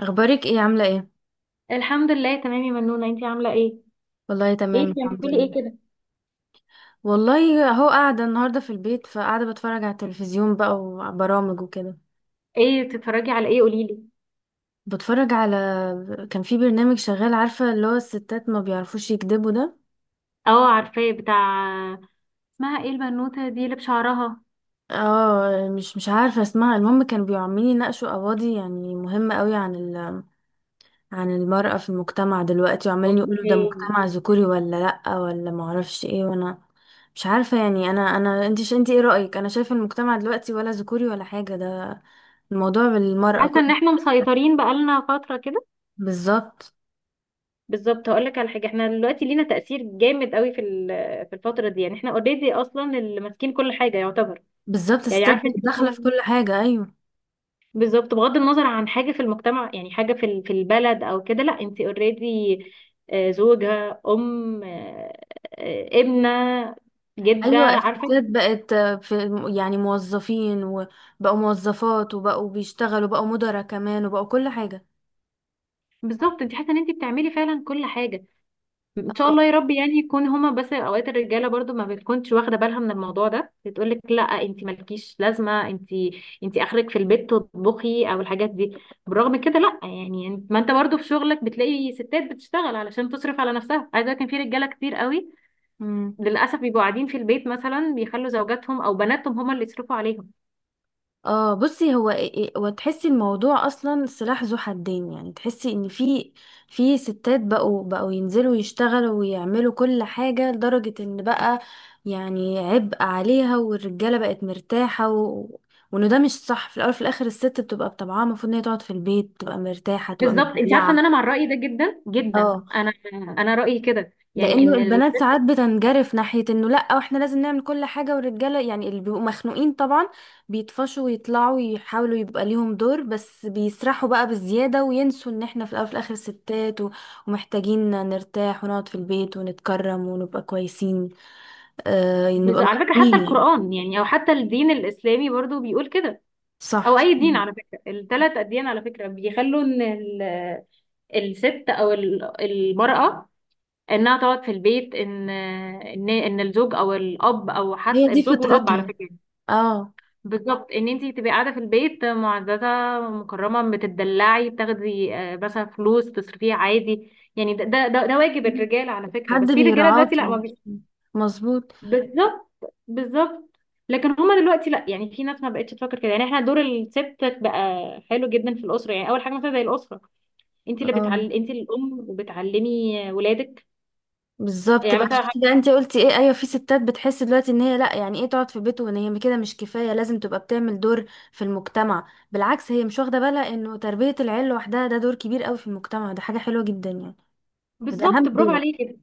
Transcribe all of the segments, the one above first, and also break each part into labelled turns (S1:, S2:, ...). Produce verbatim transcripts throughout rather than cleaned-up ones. S1: اخبارك ايه؟ عامله ايه؟
S2: الحمد لله تمام يا منونة، انتي عاملة ايه؟
S1: والله تمام
S2: ايه
S1: الحمد
S2: بتعملي ايه
S1: لله.
S2: كده؟
S1: والله اهو قاعده النهارده في البيت، فقاعده بتفرج على التلفزيون بقى وبرامج وكده.
S2: ايه بتتفرجي على ايه، قوليلي؟
S1: بتفرج على كان في برنامج شغال، عارفه؟ اللي هو الستات ما بيعرفوش يكذبوا ده.
S2: اه عارفاه بتاع. اسمها ايه البنوتة دي اللي بشعرها؟
S1: اه، مش مش عارفه اسمها، المهم كانوا بيعملين يناقشوا قواضي يعني مهمه قوي عن ال عن المرأة في المجتمع دلوقتي، وعمالين يقولوا ده
S2: اوكي.
S1: مجتمع ذكوري ولا لأ ولا معرفش ايه. وانا مش عارفة يعني، انا انا انت انت ايه رأيك؟ انا شايفة المجتمع دلوقتي ولا ذكوري ولا حاجة، ده الموضوع بالمرأة
S2: حاسة
S1: كل.
S2: ان احنا مسيطرين بقالنا فترة كده.
S1: بالظبط.
S2: بالظبط، هقولك على حاجة، احنا دلوقتي لينا تأثير جامد قوي في ال- في الفترة دي، يعني احنا اوريدي اصلا اللي ماسكين كل حاجة يعتبر.
S1: بالظبط
S2: يعني
S1: الستات
S2: عارفة
S1: بقت
S2: انت
S1: داخلة في
S2: مثلا،
S1: كل حاجة. أيوة.
S2: بالظبط، بغض النظر عن حاجة في المجتمع، يعني حاجة في ال- في البلد أو كده، لأ، أنت اوريدي زوجة، أم، آه، آه، ابنة، جدة،
S1: أيوة
S2: عارفة.
S1: الستات بقت في، يعني موظفين وبقوا موظفات وبقوا بيشتغلوا، بقوا مدراء كمان وبقوا كل حاجة.
S2: بالظبط، أنت حاسة إن أنت بتعملي فعلا كل حاجة. إن شاء الله يا رب، يعني يكون هما، بس أوقات الرجالة برضو ما بتكونش واخدة بالها من الموضوع ده، بتقولك لأ أنت مالكيش لازمة، أنت أنت آخرك في البيت تطبخي أو الحاجات دي. بالرغم من كده لأ، يعني انت- ما أنت برضو في شغلك بتلاقي ستات بتشتغل علشان تصرف على نفسها. عايزة أقولك إن في رجالة كتير قوي
S1: مم.
S2: للاسف بيبقوا قاعدين في البيت، مثلا بيخلوا زوجاتهم او بناتهم هما اللي يصرفوا عليهم.
S1: اه بصي، هو إيه- إيه- وتحسي الموضوع اصلا سلاح ذو حدين، يعني تحسي ان في في ستات بقوا بقوا ينزلوا يشتغلوا ويعملوا كل حاجة لدرجة ان بقى يعني عبء عليها، والرجالة بقت مرتاحة و... وانه ده مش صح، في الاول في الاخر الست بتبقى بطبعها، المفروض ان هي تقعد في البيت، تبقى مرتاحة، تبقى
S2: بالظبط، انت عارفه ان انا
S1: متدلعة.
S2: مع الراي ده جدا جدا،
S1: اه.
S2: انا انا رايي كده، يعني
S1: لانه
S2: ان ال...
S1: البنات ساعات بتنجرف ناحيه انه لا واحنا لازم نعمل كل حاجه، والرجاله يعني اللي بيبقوا مخنوقين طبعا بيطفشوا ويطلعوا يحاولوا يبقى ليهم دور، بس بيسرحوا بقى بالزياده وينسوا ان احنا في الاول وفي الاخر ستات، و- ومحتاجين نرتاح ونقعد في البيت ونتكرم ونبقى كويسين. آه
S2: بز-
S1: نبقى
S2: على فكره حتى
S1: مخنوقين يعني.
S2: القران يعني، او حتى الدين الاسلامي برضو بيقول كده،
S1: صح.
S2: او اي دين على فكره، الثلاث اديان على فكره بيخلوا ان ال... الست او ال- المراه انها تقعد في البيت، ان ان ان الزوج او الاب، او
S1: هي
S2: حتى
S1: دي
S2: الزوج والاب على
S1: فطرتها.
S2: فكره،
S1: اه.
S2: بالظبط، ان انتي تبقي قاعده في البيت معززه مكرمه، بتدلعي، بتاخدي آه، مثلا فلوس تصرفيها عادي، يعني ده ده ده, ده واجب الرجال على فكره، بس
S1: حد
S2: في رجاله دلوقتي لا ما
S1: بيرعاكي.
S2: بي...
S1: مظبوط.
S2: بالظبط. بالظبط. لكن هما دلوقتي لا، يعني في ناس ما بقتش تفكر كده. يعني احنا دور الست بقى حلو جدا في الاسره، يعني اول حاجه مثلا زي الاسره، انت اللي
S1: اه
S2: بتعل... انت الام وبتعلمي ولادك.
S1: بالظبط
S2: يعني
S1: بقى.
S2: مثلا
S1: شفتي بقى
S2: حاجة...
S1: انت قلتي ايه؟ ايوه، في ستات بتحس دلوقتي ان هي لا، يعني ايه تقعد في بيت؟ وان هي كده مش كفايه لازم تبقى بتعمل دور في المجتمع. بالعكس هي مش واخده بالها انه تربيه العيل لوحدها ده دور كبير قوي في المجتمع، ده حاجه حلوه جدا يعني. ده
S2: بالظبط،
S1: اهم
S2: برافو
S1: دور.
S2: عليكي.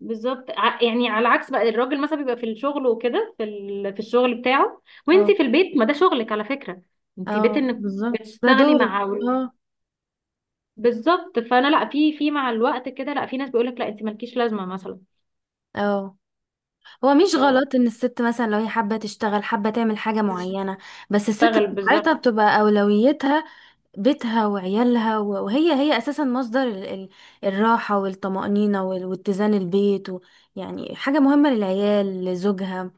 S2: بالظبط، ع- يعني على العكس بقى، الراجل مثلا بيبقى في الشغل وكده، في ال... في الشغل بتاعه،
S1: اه.
S2: وانتي في البيت، ما ده شغلك على فكرة. انتي بيت
S1: اه.
S2: انك
S1: بالظبط ده
S2: بتشتغلي
S1: دورك.
S2: مع
S1: اه.
S2: بالظبط. فانا لا، في في مع الوقت كده، لا في ناس بيقولك لا انتي مالكيش لازمة مثلا.
S1: اه هو مش
S2: ف-
S1: غلط ان الست مثلا لو هي حابه تشتغل، حابه تعمل حاجه معينه، بس الست
S2: بتشتغل
S1: بتاعتها
S2: بالظبط.
S1: بتبقى اولويتها بيتها وعيالها، و- وهي هي اساسا مصدر ال- ال- الراحه والطمانينه وال- واتزان البيت و، يعني حاجه مهمه للعيال لزوجها،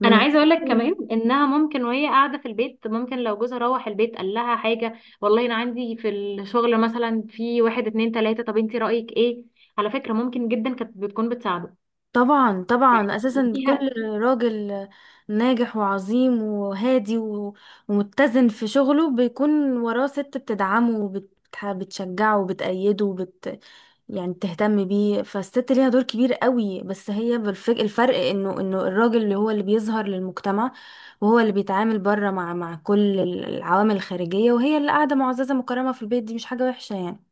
S1: من
S2: انا
S1: غير.
S2: عايزه اقول لك كمان انها ممكن وهي قاعده في البيت، ممكن لو جوزها روح البيت قال لها حاجه، والله انا عندي في الشغل مثلا في واحد اتنين تلاته، طب انتي رايك ايه؟ على فكره ممكن جدا كانت بتكون بتساعده،
S1: طبعا
S2: يعني
S1: طبعا اساسا كل
S2: ليها.
S1: راجل ناجح وعظيم وهادي و- ومتزن في شغله بيكون وراه ست بتدعمه وبتشجعه وبتأيده وبت يعني بتهتم بيه. فالست ليها دور كبير قوي، بس هي بالفك... الفرق انه انه الراجل اللي هو اللي بيظهر للمجتمع، وهو اللي بيتعامل بره مع مع كل العوامل الخارجية، وهي اللي قاعدة معززة مكرمة في البيت، دي مش حاجة وحشة يعني.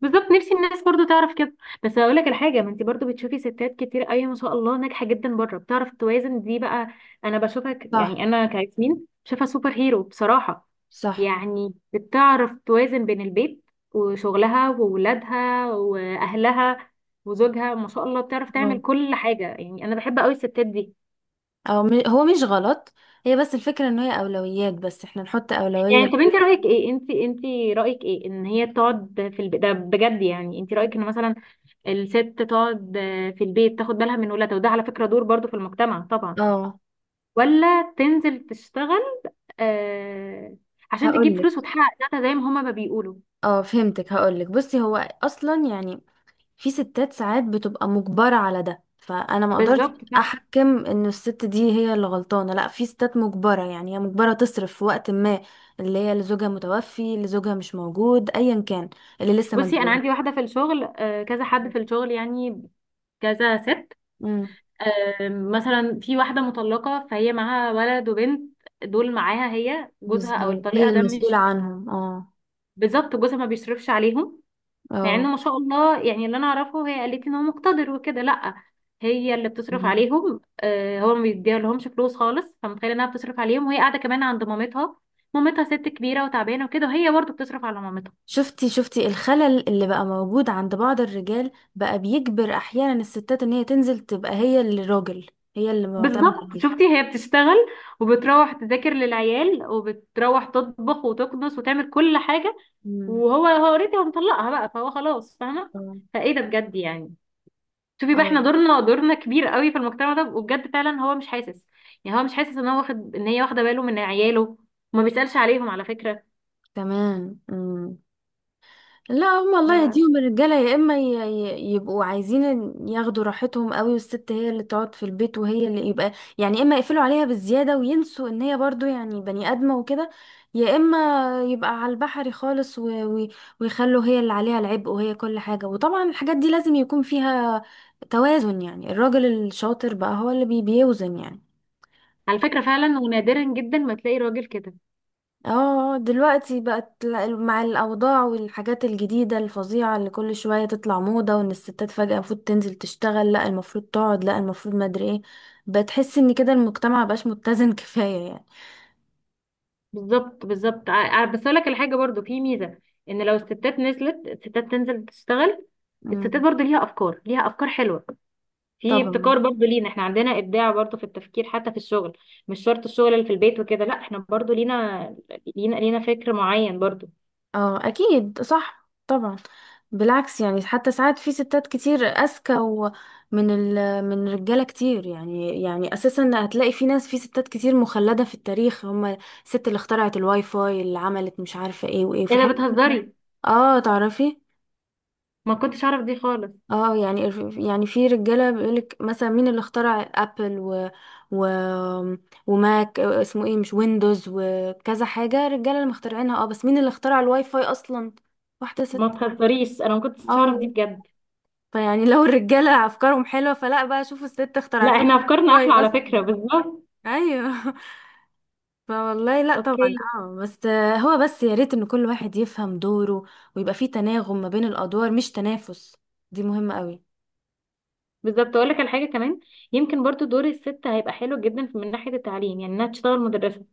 S2: بالظبط، نفسي الناس برضو تعرف كده. بس هقول لك الحاجه، ما انت برضو بتشوفي ستات كتير قوي ما شاء الله ناجحه جدا بره، بتعرف توازن، دي بقى انا بشوفها ك-
S1: صح.
S2: يعني، انا كياسمين شايفها سوبر هيرو بصراحه.
S1: صح.
S2: يعني بتعرف توازن بين البيت وشغلها وولادها واهلها وزوجها، ما شاء الله بتعرف تعمل كل حاجه، يعني انا بحب قوي الستات دي.
S1: او م... هو مش غلط. هي بس الفكرة ان هي اولويات، بس احنا نحط اولوية
S2: يعني
S1: ل-
S2: طب انت رايك ايه؟ انت انت رايك ايه ان هي تقعد في البيت ده بجد؟ يعني انت رايك ان مثلا الست تقعد آه، في البيت تاخد بالها من ولادها، وده على فكرة دور برضو في المجتمع طبعا،
S1: اه
S2: ولا تنزل تشتغل آه، عشان تجيب
S1: هقولك.
S2: فلوس وتحقق ذاتها زي ما هما ما بيقولوا؟
S1: اه فهمتك، هقولك بصي، هو اصلا يعني في ستات ساعات بتبقى مجبرة على ده، فانا ما اقدرش
S2: بالظبط صح.
S1: احكم ان الست دي هي اللي غلطانة. لا، في ستات مجبرة، يعني هي مجبرة تصرف في وقت ما، اللي هي اللي زوجها متوفي، اللي زوجها مش موجود ايا كان، اللي لسه ما
S2: بصي انا عندي
S1: اتجوزتش.
S2: واحدة في الشغل، آه، كذا حد في الشغل، يعني كذا ست،
S1: امم.
S2: آه، مثلا في واحدة مطلقة، فهي معاها ولد وبنت، دول معاها هي، جوزها او
S1: بالظبط هي
S2: الطليقة ده
S1: المسؤولة
S2: مش
S1: عنهم. اه.
S2: بالظبط جوزها ما بيصرفش عليهم، مع
S1: اه
S2: ان ما شاء الله، يعني اللي انا اعرفه هي قالت ان هو مقتدر وكده، لا هي اللي بتصرف عليهم. آه، هو ما بيديها لهمش فلوس خالص، فمتخيله انها بتصرف عليهم وهي قاعده كمان عند مامتها. مامتها ست كبيره وتعبانه وكده، وهي برضه بتصرف على مامتها.
S1: شفتي شفتي الخلل اللي بقى موجود عند بعض الرجال بقى بيجبر احيانا الستات ان هي تنزل، تبقى هي اللي راجل، هي اللي معتمد
S2: بالظبط،
S1: عليه.
S2: شفتي، هي بتشتغل وبتروح تذاكر للعيال، وبتروح تطبخ وتكنس وتعمل كل حاجه،
S1: امم.
S2: وهو، هو اوريدي هو مطلقها بقى، فهو خلاص فاهمه.
S1: اه.
S2: فايه ده بجد؟ يعني شوفي بقى،
S1: آه،
S2: احنا دورنا دورنا كبير قوي في المجتمع ده، وبجد فعلا هو مش حاسس، يعني هو مش حاسس ان هو واخد، ان هي واخده باله من عياله، وما بيسالش عليهم على فكره.
S1: كمان. مم. لا هم الله
S2: ف-
S1: يهديهم الرجاله، يا اما ي- ي- يبقوا عايزين ياخدوا راحتهم قوي والست هي اللي تقعد في البيت وهي اللي يبقى يعني، اما يقفلوا عليها بالزياده وينسوا ان هي برضو يعني بني ادمه وكده، يا اما يبقى على البحر خالص و- و- ويخلوا هي اللي عليها العبء وهي كل حاجه. وطبعا الحاجات دي لازم يكون فيها توازن يعني، الراجل الشاطر بقى هو اللي بي- بيوزن يعني.
S2: على فكره فعلا، ونادرا جدا ما تلاقي راجل كده.
S1: اه دلوقتي بقت ل- مع الاوضاع والحاجات الجديده الفظيعه اللي كل شويه تطلع موضه، وان الستات فجاه المفروض تنزل تشتغل، لا المفروض تقعد، لا المفروض ما ادري ايه، بتحس ان كده المجتمع مبقاش متزن كفايه يعني.
S2: بالظبط. بالظبط. ع- ع- بس اقول لك الحاجه برضو، في ميزه ان لو الستات نزلت، الستات تنزل تشتغل، الستات
S1: مم.
S2: برضو ليها افكار، ليها افكار حلوه، في
S1: طبعا.
S2: ابتكار برضو لينا، احنا عندنا ابداع برضو في التفكير حتى في الشغل، مش شرط الشغل اللي في البيت وكده، لا احنا برضو لينا لينا لينا فكر معين برضو.
S1: اه اكيد صح طبعا. بالعكس يعني حتى ساعات في ستات كتير اذكى ومن ال من رجاله كتير، يعني يعني اساسا هتلاقي في ناس في ستات كتير مخلده في التاريخ. هم الست اللي اخترعت الواي فاي، اللي عملت مش عارفه ايه وايه،
S2: ايه
S1: في حاجات
S2: ده،
S1: كتير أوي.
S2: بتهزري؟
S1: اه تعرفي.
S2: ما كنتش اعرف دي خالص.
S1: اه يعني، يعني في رجاله بيقولك مثلا مين اللي اخترع ابل و و وماك اسمه ايه، مش ويندوز وكذا حاجه، رجاله اللي مخترعينها اه، بس مين اللي اخترع الواي فاي اصلا؟ واحده
S2: ما
S1: ست.
S2: تخسريش، انا ما كنتش اعرف دي
S1: اه.
S2: بجد.
S1: فيعني لو الرجالة أفكارهم حلوة فلا بقى، شوفوا الست
S2: لا
S1: اخترعت لكم.
S2: احنا افكارنا احلى
S1: والله
S2: على فكره،
S1: أصلا.
S2: بالظبط.
S1: أيوه فوالله لا
S2: اوكي.
S1: طبعا اه، بس آه، هو بس يا ريت إن كل واحد يفهم دوره، ويبقى فيه تناغم ما بين الأدوار مش تنافس، دي مهمة قوي.
S2: بالظبط، اقول لك على حاجه كمان، يمكن برضو دور الست هيبقى حلو جدا في- من ناحيه التعليم، يعني انها تشتغل مدرسه،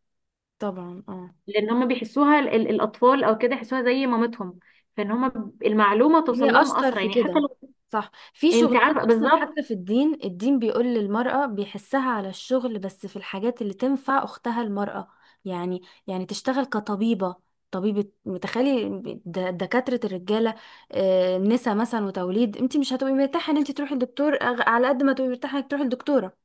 S1: طبعا اه.
S2: لان هم بيحسوها، ال ال الاطفال او كده يحسوها زي مامتهم، فان هم ب- المعلومه توصل
S1: هي
S2: لهم
S1: اشطر
S2: اسرع،
S1: في
S2: يعني حتى
S1: كده.
S2: لو
S1: صح، في
S2: انت
S1: شغلات
S2: عارفه
S1: اصلا،
S2: بالظبط.
S1: حتى في الدين الدين بيقول للمرأة بيحسها على الشغل، بس في الحاجات اللي تنفع اختها المرأة يعني، يعني تشتغل كطبيبة، طبيبة متخيلي. د- دكاترة الرجالة، آه، نسا مثلا وتوليد، انت مش هتبقي مرتاحة ان انت تروحي لدكتور، أغ- على قد ما تبقي مرتاحة انك تروحي لدكتورة.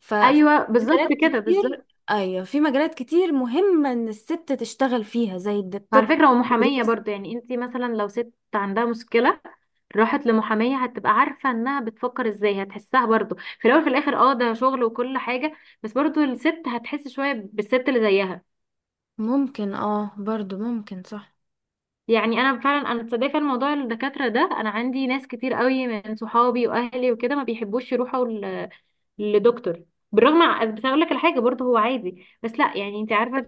S1: ففي
S2: ايوه بالظبط
S1: مجالات
S2: كده،
S1: كتير.
S2: بالظبط.
S1: ايوه في مجالات كتير مهمة ان الست تشتغل فيها زي الد-
S2: وعلى
S1: الطب
S2: فكرة ومحامية برضه، يعني انتي مثلا لو ست عندها مشكلة، راحت لمحامية، هتبقى عارفة انها بتفكر ازاي، هتحسها برضه في الاول في الاخر، اه ده شغل وكل حاجة، بس برضه الست هتحس شوية بالست اللي زيها.
S1: ممكن اه برضو ممكن، صح.
S2: يعني انا فعلا، انا تصدقي فعلا موضوع الدكاترة ده، انا عندي ناس كتير قوي من صحابي واهلي وكده ما بيحبوش يروحوا ل- لدكتور، بالرغم. بس اقول لك الحاجة برضه، هو عادي، بس لا يعني انتي عارفة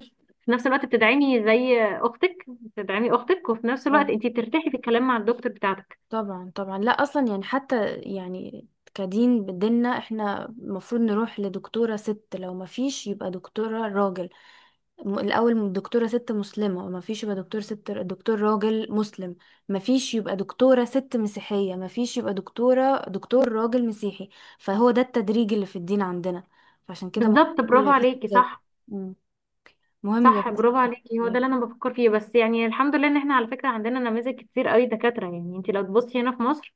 S2: في نفس الوقت بتدعمي زي اختك، بتدعمي اختك، وفي نفس الوقت
S1: اه.
S2: انتي بترتاحي في الكلام مع الدكتور بتاعتك.
S1: طبعا طبعا لا اصلا يعني حتى يعني كدين بديننا احنا المفروض نروح لدكتورة ست، لو ما فيش يبقى دكتورة راجل. م- الاول دكتورة ست مسلمة، ما فيش يبقى دكتور ست دكتور راجل مسلم. ما فيش يبقى دكتورة ست مسيحية، ما فيش يبقى دكتورة دكتور راجل مسيحي. فهو ده التدريج اللي في الدين عندنا، فعشان كده مهم
S2: بالظبط، برافو
S1: يبقى في
S2: عليكي،
S1: ستات.
S2: صح.
S1: مم. مهم يبقى
S2: صح،
S1: في
S2: برافو
S1: ستات.
S2: عليكي، هو ده اللي انا بفكر فيه. بس يعني الحمد لله ان احنا على فكره عندنا نماذج كتير قوي دكاتره، يعني انت لو تبصي هنا في مصر،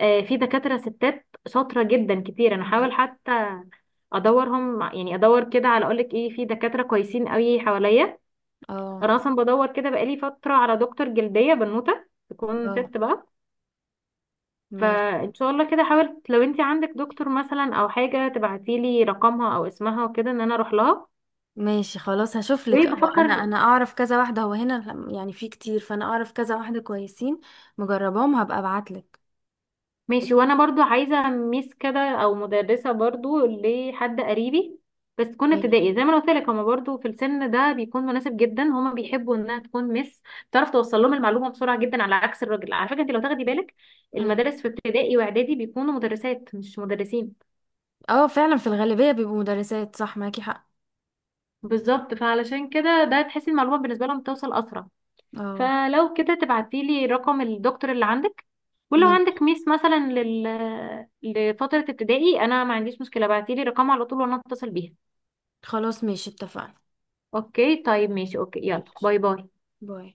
S2: آه، في دكاتره ستات شاطره جدا كتير، انا حاول حتى ادورهم يعني، ادور كده على اقول لك ايه، في دكاتره كويسين قوي حواليا.
S1: اه.
S2: انا اصلا بدور كده بقالي فتره على دكتور جلديه بنوته تكون
S1: اه
S2: ست بقى،
S1: ماشي.
S2: فان شاء الله كده حاول، لو انت عندك دكتور مثلا او حاجه تبعتي لي رقمها او اسمها وكده ان انا اروح لها
S1: ماشي خلاص هشوف لك. اه انا
S2: وبفكر.
S1: انا اعرف كذا واحده، هو هنا يعني في كتير، فانا اعرف كذا واحده كويسين مجرباهم، هبقى ابعت لك.
S2: ماشي، وانا برضو عايزه ميس كده او مدرسه برضو لحد قريبي، بس تكون
S1: ماشي.
S2: ابتدائي زي ما انا قلت لك، هما برضو في السن ده بيكون مناسب جدا، هما بيحبوا انها تكون ميس، تعرف توصل لهم المعلومه بسرعه جدا على عكس الراجل. على فكره انت لو تاخدي بالك،
S1: امم.
S2: المدارس في ابتدائي واعدادي بيكونوا مدرسات مش مدرسين.
S1: اه فعلا في الغالبيه بيبقوا مدرسات، صح معاكي حق.
S2: بالظبط، فعلشان كده ده تحسي المعلومه بالنسبه لهم بتوصل اسرع.
S1: اه.
S2: فلو كده تبعتيلي رقم الدكتور اللي عندك، ولو عندك
S1: ماشي
S2: ميس مثلا لل... لفترة ابتدائي انا ما عنديش مشكلة، ابعتيلي رقمها على طول وانا اتصل بيها.
S1: خلاص ماشي اتفقنا.
S2: اوكي، طيب ماشي، اوكي يلا
S1: ماشي
S2: باي باي.
S1: باي.